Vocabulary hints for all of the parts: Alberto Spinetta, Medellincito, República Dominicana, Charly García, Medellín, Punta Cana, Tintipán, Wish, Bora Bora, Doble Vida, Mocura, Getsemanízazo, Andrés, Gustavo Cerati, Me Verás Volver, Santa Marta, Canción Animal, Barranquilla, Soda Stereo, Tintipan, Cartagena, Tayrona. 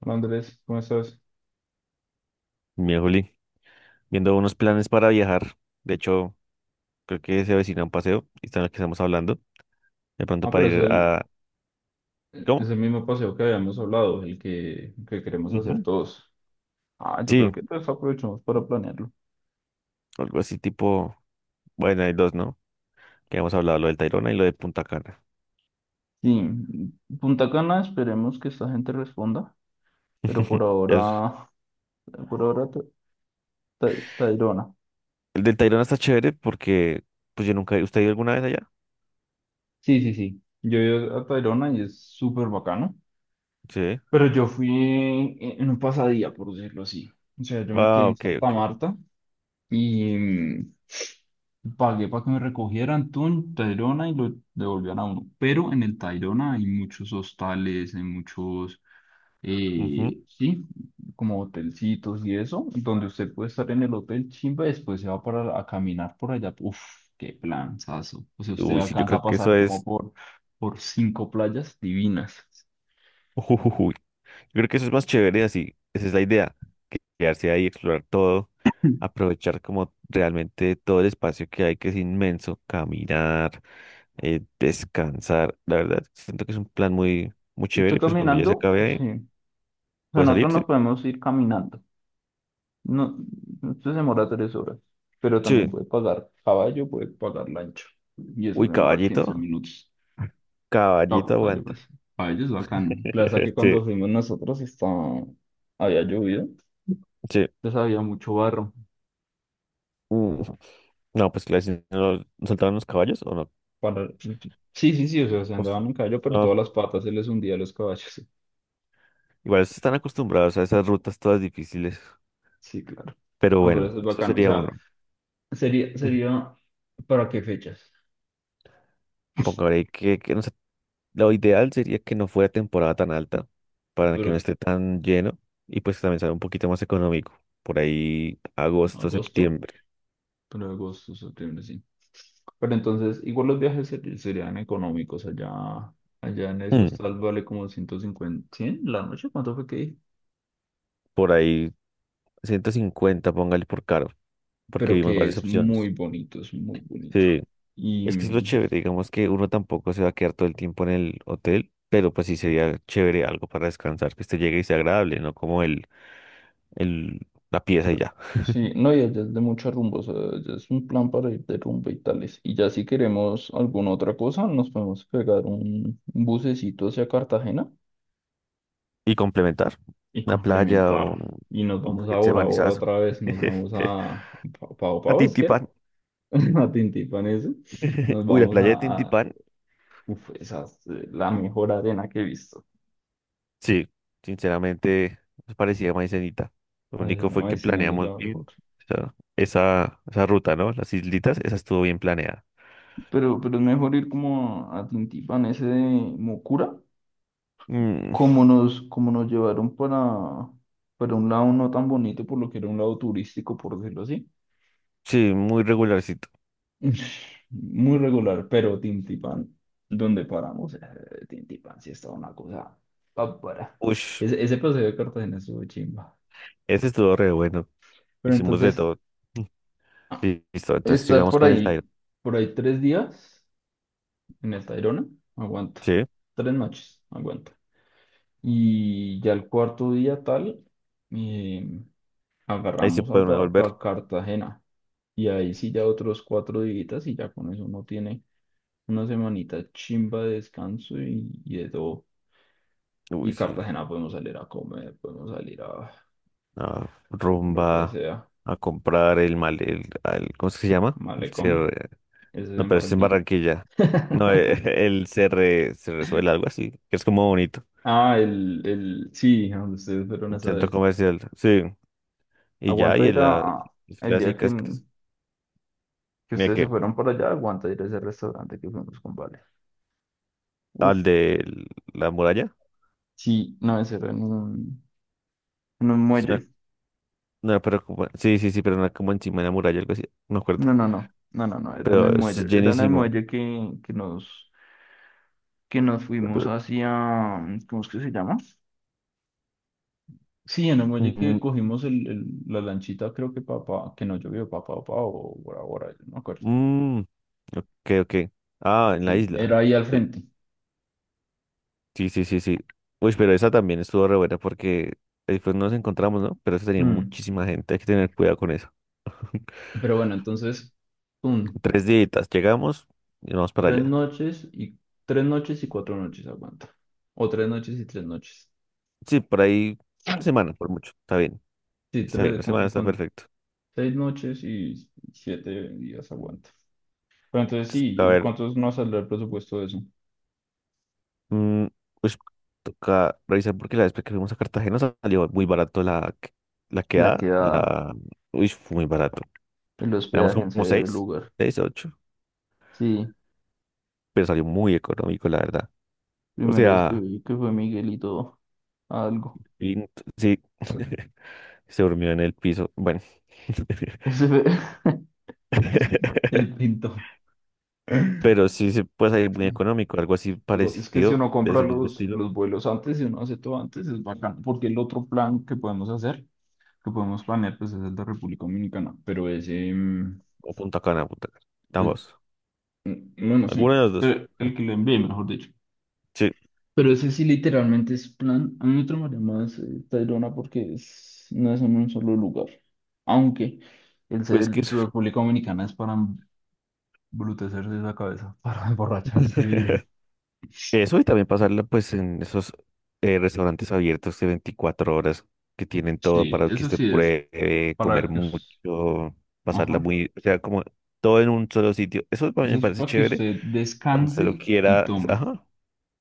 Hola Andrés, ¿cómo estás? Mi Juli, viendo unos planes para viajar. De hecho, creo que se avecina un paseo y está en lo que estamos hablando. De pronto Ah, para pero es ir el, a... es ¿Cómo? el mismo paseo que habíamos hablado, el que queremos hacer Ujú. todos. Ah, yo creo Sí, que entonces aprovechamos para planearlo. algo así tipo... Bueno, hay dos, ¿no? Que hemos hablado, lo del Tayrona y lo de Punta Cana. Sí, Punta Cana, esperemos que esta gente responda, pero Es- por ahora Tayrona. El del Tayrona está chévere porque... Pues yo nunca... ¿Usted ha ido alguna vez allá? Sí, sí, sí. Yo he ido a Tayrona y es súper bacano, Sí. pero yo fui en un pasadía, por decirlo así. O sea, yo me quedé Ah, en ok, Santa ok. Marta y pagué para que me recogieran Tayrona y lo devolvían a uno. Pero en el Tayrona hay muchos hostales, Ujú. Sí, como hotelcitos y eso, donde usted puede estar en el hotel chimba y después se va a caminar por allá. Uf, qué planazo. O sea, usted Uy, sí, yo alcanza creo a que eso pasar como es... por cinco playas divinas. Yo creo que eso es más chévere así, esa es la idea, que quedarse ahí, explorar todo, aprovechar como realmente todo el espacio que hay, que es inmenso, caminar, descansar, la verdad, siento que es un plan muy, muy chévere Usted y pues cuando ya se caminando, acabe ahí, sí. O sea, puede salir, nosotros sí, nos podemos ir caminando. No, esto se demora 3 horas, pero también sí, puede pagar caballo, puede pagar lancha. Y eso uy, demora 15 caballito, minutos. caballito Caballo, aguanta, pues. Caballo es bacano. Plaza que sí, cuando fuimos nosotros estaba, había llovido, sí, entonces había mucho barro. Mm. No, pues claro, si no no soltaban los caballos o no. Para... Sí, sí, sí, o sea, se Uf, andaban en caballo, pero no, todas las patas se les hundía a los caballos. Sí, igual están acostumbrados a esas rutas todas difíciles, sí, claro. pero No, pero bueno, eso es eso bacano. O sería uno. sea, sería, ¿para qué fechas? Pongámosle que no sé, lo ideal sería que no fuera temporada tan alta para que no Pero esté tan lleno y pues también sea un poquito más económico. Por ahí agosto, agosto. septiembre. Pero agosto, septiembre, sí. Pero entonces, igual los viajes serían económicos allá, allá en ese Mm, hostal vale como 150, ¿100 la noche? ¿Cuánto fue que dije? por ahí 150 póngale por caro, porque Pero vimos que varias es opciones. muy bonito, es muy bonito. Sí, Y es que es lo chévere, digamos que uno tampoco se va a quedar todo el tiempo en el hotel, pero pues sí sería chévere algo para descansar, que este llegue y sea agradable, no como el, la pieza y ya. sí, no, y allá es de muchos rumbos, es un plan para ir de rumba y tales. Y ya si queremos alguna otra cosa, nos podemos pegar un bucecito hacia Cartagena Y complementar y una playa o complementar. Y nos un vamos ahora, ahora Getsemanízazo. otra vez, nos vamos a Pau A Pau, ¿es que era? Tintipán. A Tintín. Nos Uy, la vamos playa a, de Tintipán. uf, esa es la mejor arena que he visto. Sí, sinceramente nos parecía maicenita. Lo ¿Cómo se único fue llama? que Dicen: "No, es planeamos la mejor". bien o esa ruta, ¿no? Las islitas, esa estuvo bien planeada. Pero es mejor ir como a Tintipan, ese de Mocura, Mm, como como nos llevaron para un lado no tan bonito, por lo que era un lado turístico, por decirlo así. sí, muy regularcito. Muy regular, pero Tintipan, donde paramos, Tintipan sí estaba una cosa bárbara. Uy, Ese paseo de Cartagena estuvo chimba. ese estuvo re bueno. Pero Hicimos de entonces, todo. Mm. Listo, entonces estar sigamos por con el Tairo. ahí, 3 días en el Tayrona, aguanta. Sí, 3 noches, aguanta. Y ya el cuarto día tal, eh, ahí se agarramos puede uno volver. para Cartagena. Y ahí sí ya otros 4 días y ya con eso uno tiene una semanita chimba de descanso y de todo. Uy, Y sí, Cartagena podemos salir a comer, podemos salir a a lo que rumba, sea. a comprar el mal, ¿cómo es que se llama? El Malecón, CR, ese es no, en pero es en Barranquilla. Barranquilla. No, el CR, se resuelve algo así, que es como bonito. Ah, sí, a donde ustedes fueron Un esa centro vez. comercial, sí. Y ya, Aguanta y ir en las el día clásicas, que mira ustedes se que, fueron para allá, aguanta ir a ese restaurante que fuimos con Vale. Uf, al de la muralla. sí, no, ese era en en un es una- muelle. no, pero sí, sí, sí, pero una como encima de la muralla, algo así, no me acuerdo. No, no, no, no, no, no, era en el Pero es muelle. Era en el llenísimo. muelle que nos fuimos Ujú. hacia, ¿cómo es que se llama? Sí, en el muelle que Mm, cogimos la lanchita, creo que papá, que no llovió, papá, papá, o Bora Bora, yo no me acuerdo. mm, ok, ok. Ah, en la Y isla. era ahí al Sí. frente. Sí, sí, sí, sí. Uy, pero esa también estuvo re buena porque después nos encontramos, ¿no? Pero eso tenía Mm, muchísima gente, hay que tener cuidado con eso. Pero bueno, entonces, pum, 3 días, llegamos y vamos para Tres allá. noches y 4 noches aguanta. O 3 noches y 3 noches. Sí, por ahí, una semana, por mucho. Sí, Está bien, una semana está con perfecto. 6 noches y 7 días aguanta. Pero entonces Entonces, sí, a ver, ¿cuántos nos saldrá el presupuesto de eso? mm, pues toca revisar porque la vez que fuimos a Cartagena salió muy barato la La quedada, quedada, la... Uy, fue muy barato. el Éramos hospedaje en como severo seis, lugar. seis, ocho, Sí, pero salió muy económico, la verdad. O primera vez sea, vi que fue Miguelito a algo. y- sí. Se durmió en el piso. Bueno. Ese fue el pinto. Pero sí, se puede salir muy económico, algo así Digo, es que si parecido, uno de compra ese mismo estilo. los vuelos antes y uno hace todo antes, es bacán, porque el otro plan que podemos hacer que podemos planear, pues es el de República Dominicana, pero ese, O Punta Cana, Punta Cana. eh, Ambos. no, no sé, Alguna de las dos. pero el que le envié, mejor dicho. Sí, Pero ese sí literalmente es plan, a mí me tramaría más Tayrona porque no es en un solo lugar, aunque el pues que ser eso. República Dominicana es para embrutecerse la cabeza, para emborracharse duro. Eso y también pasarla pues en esos restaurantes abiertos de 24 horas que tienen todo Sí, para que eso usted sí es pruebe, comer para que, mucho, pasarla ajá, muy, o sea, como todo en un solo sitio. Eso para mí eso me es parece para que chévere usted cuando se lo descanse y quiera, tome. ajá,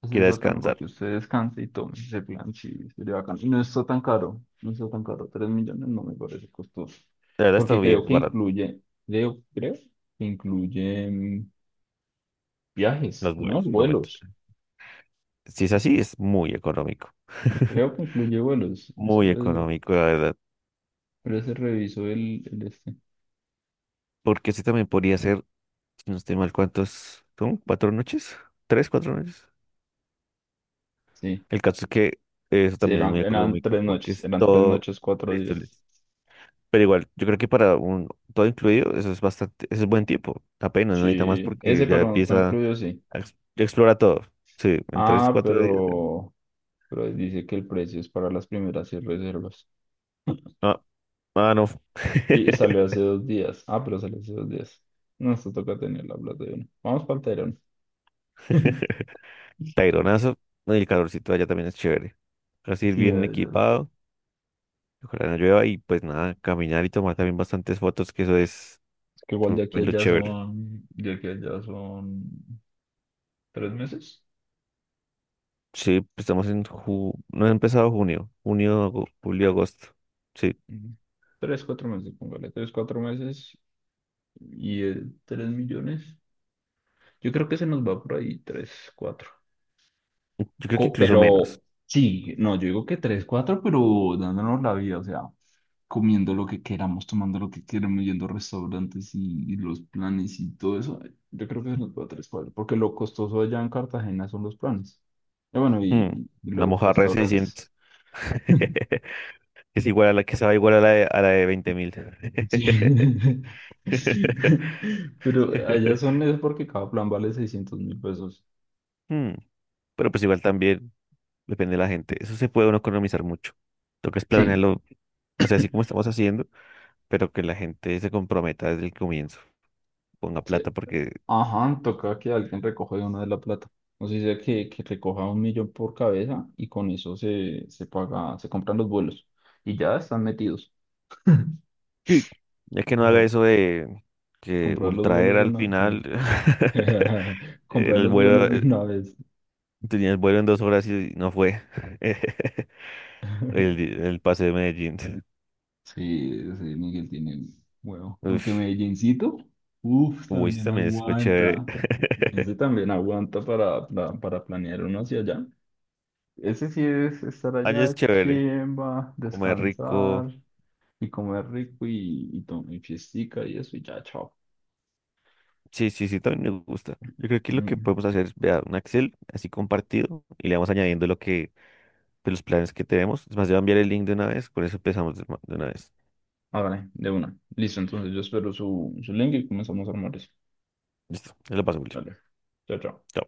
Pues es quiera bacano descansar. porque usted descanse y tome ese plan, sí, sería bacano. Y no está tan caro, no está tan caro, 3 millones no me parece costoso. La verdad está Porque bien barato. Creo que incluye viajes, Los ¿no? vuelos, no me... Vuelos. Si es así, es muy económico. Creo que incluye vuelos. Muy económico, la verdad. Espérese, reviso el este. Porque ese también podría ser, si no estoy mal, ¿cuántos son? ¿4 noches? ¿3, 4 noches? Sí, El caso es que eso sí, también es muy económico porque es eran tres todo noches, cuatro listo, días. listo. Pero igual, yo creo que para un todo incluido, eso es bastante, eso es buen tiempo. Apenas, no necesita más Sí, ese porque ya para no está empieza incluido, sí. a explora todo. Sí, en tres, Ah, cuatro días. Pero dice que el precio es para las primeras seis reservas. Ah, ah, no. Y salió hace 2 días. Ah, pero salió hace 2 días. No, esto toca tener la plata de uno. Vamos para el Tayrona. Taironazo, ¿no? Y el calorcito allá también es chévere. Así ir Sí, bien ay, Dios. equipado, ojalá no llueva y pues nada, caminar y tomar también bastantes fotos, que eso es Es que igual también lo chévere. De aquí a allá son 3 meses. Sí, pues estamos en ju no ha empezado junio, julio, agosto. Sí, Ujú. Tres, cuatro meses, póngale, tres, cuatro meses y 3 millones. Yo creo que se nos va por ahí tres, cuatro. yo creo que incluso menos. Pero sí, no, yo digo que tres, cuatro, pero dándonos la vida, o sea, comiendo lo que queramos, tomando lo que queramos, yendo a restaurantes y los planes y todo eso, yo creo que se nos va a tres cuadros, porque lo costoso allá en Cartagena son los planes. Y bueno, Mm, y La los mojarra de restaurantes. 600 es igual a la que se va igual a la de 20.000. Sí. Pero allá son es porque cada plan vale 600.000 pesos. Mm, pero pues igual también depende de la gente. Eso se puede uno economizar mucho. Toca es Sí. planearlo. O sea, así como estamos haciendo, pero que la gente se comprometa desde el comienzo, ponga Sí. plata, porque Ajá, toca que alguien recoja de una de la plata. O sea, sea que recoja 1 millón por cabeza y con eso se paga, se compran los vuelos y ya están metidos. sí, ya que no La haga eso de que Comprar los Ultraer vuelos de al una. final, Sí. Comprar el los vuelo, vuelos de una vez. tenía el vuelo en 2 horas y no fue el, el pase de Medellín. Sí, sí, Miguel tiene huevo. Aunque Uf, Medellincito, uff, Wish también también fue chévere. aguanta. Ese también aguanta para planear uno hacia allá. Ese sí es estar Allá es allá, chévere, chimba, comer rico. descansar y comer rico y tomar y fiestica y eso y ya, chao. Sí, sí, sí, también me gusta. Yo creo que lo que Mm. podemos hacer es, vea, un Excel así compartido y le vamos añadiendo lo que de los planes que tenemos. Es más, te voy a enviar el link de una vez, con eso empezamos de una vez. Ah, vale, de una. Listo, entonces yo espero su link y comenzamos a armar eso. Listo, te lo paso, Willy. Vale, chao, chao. Chao.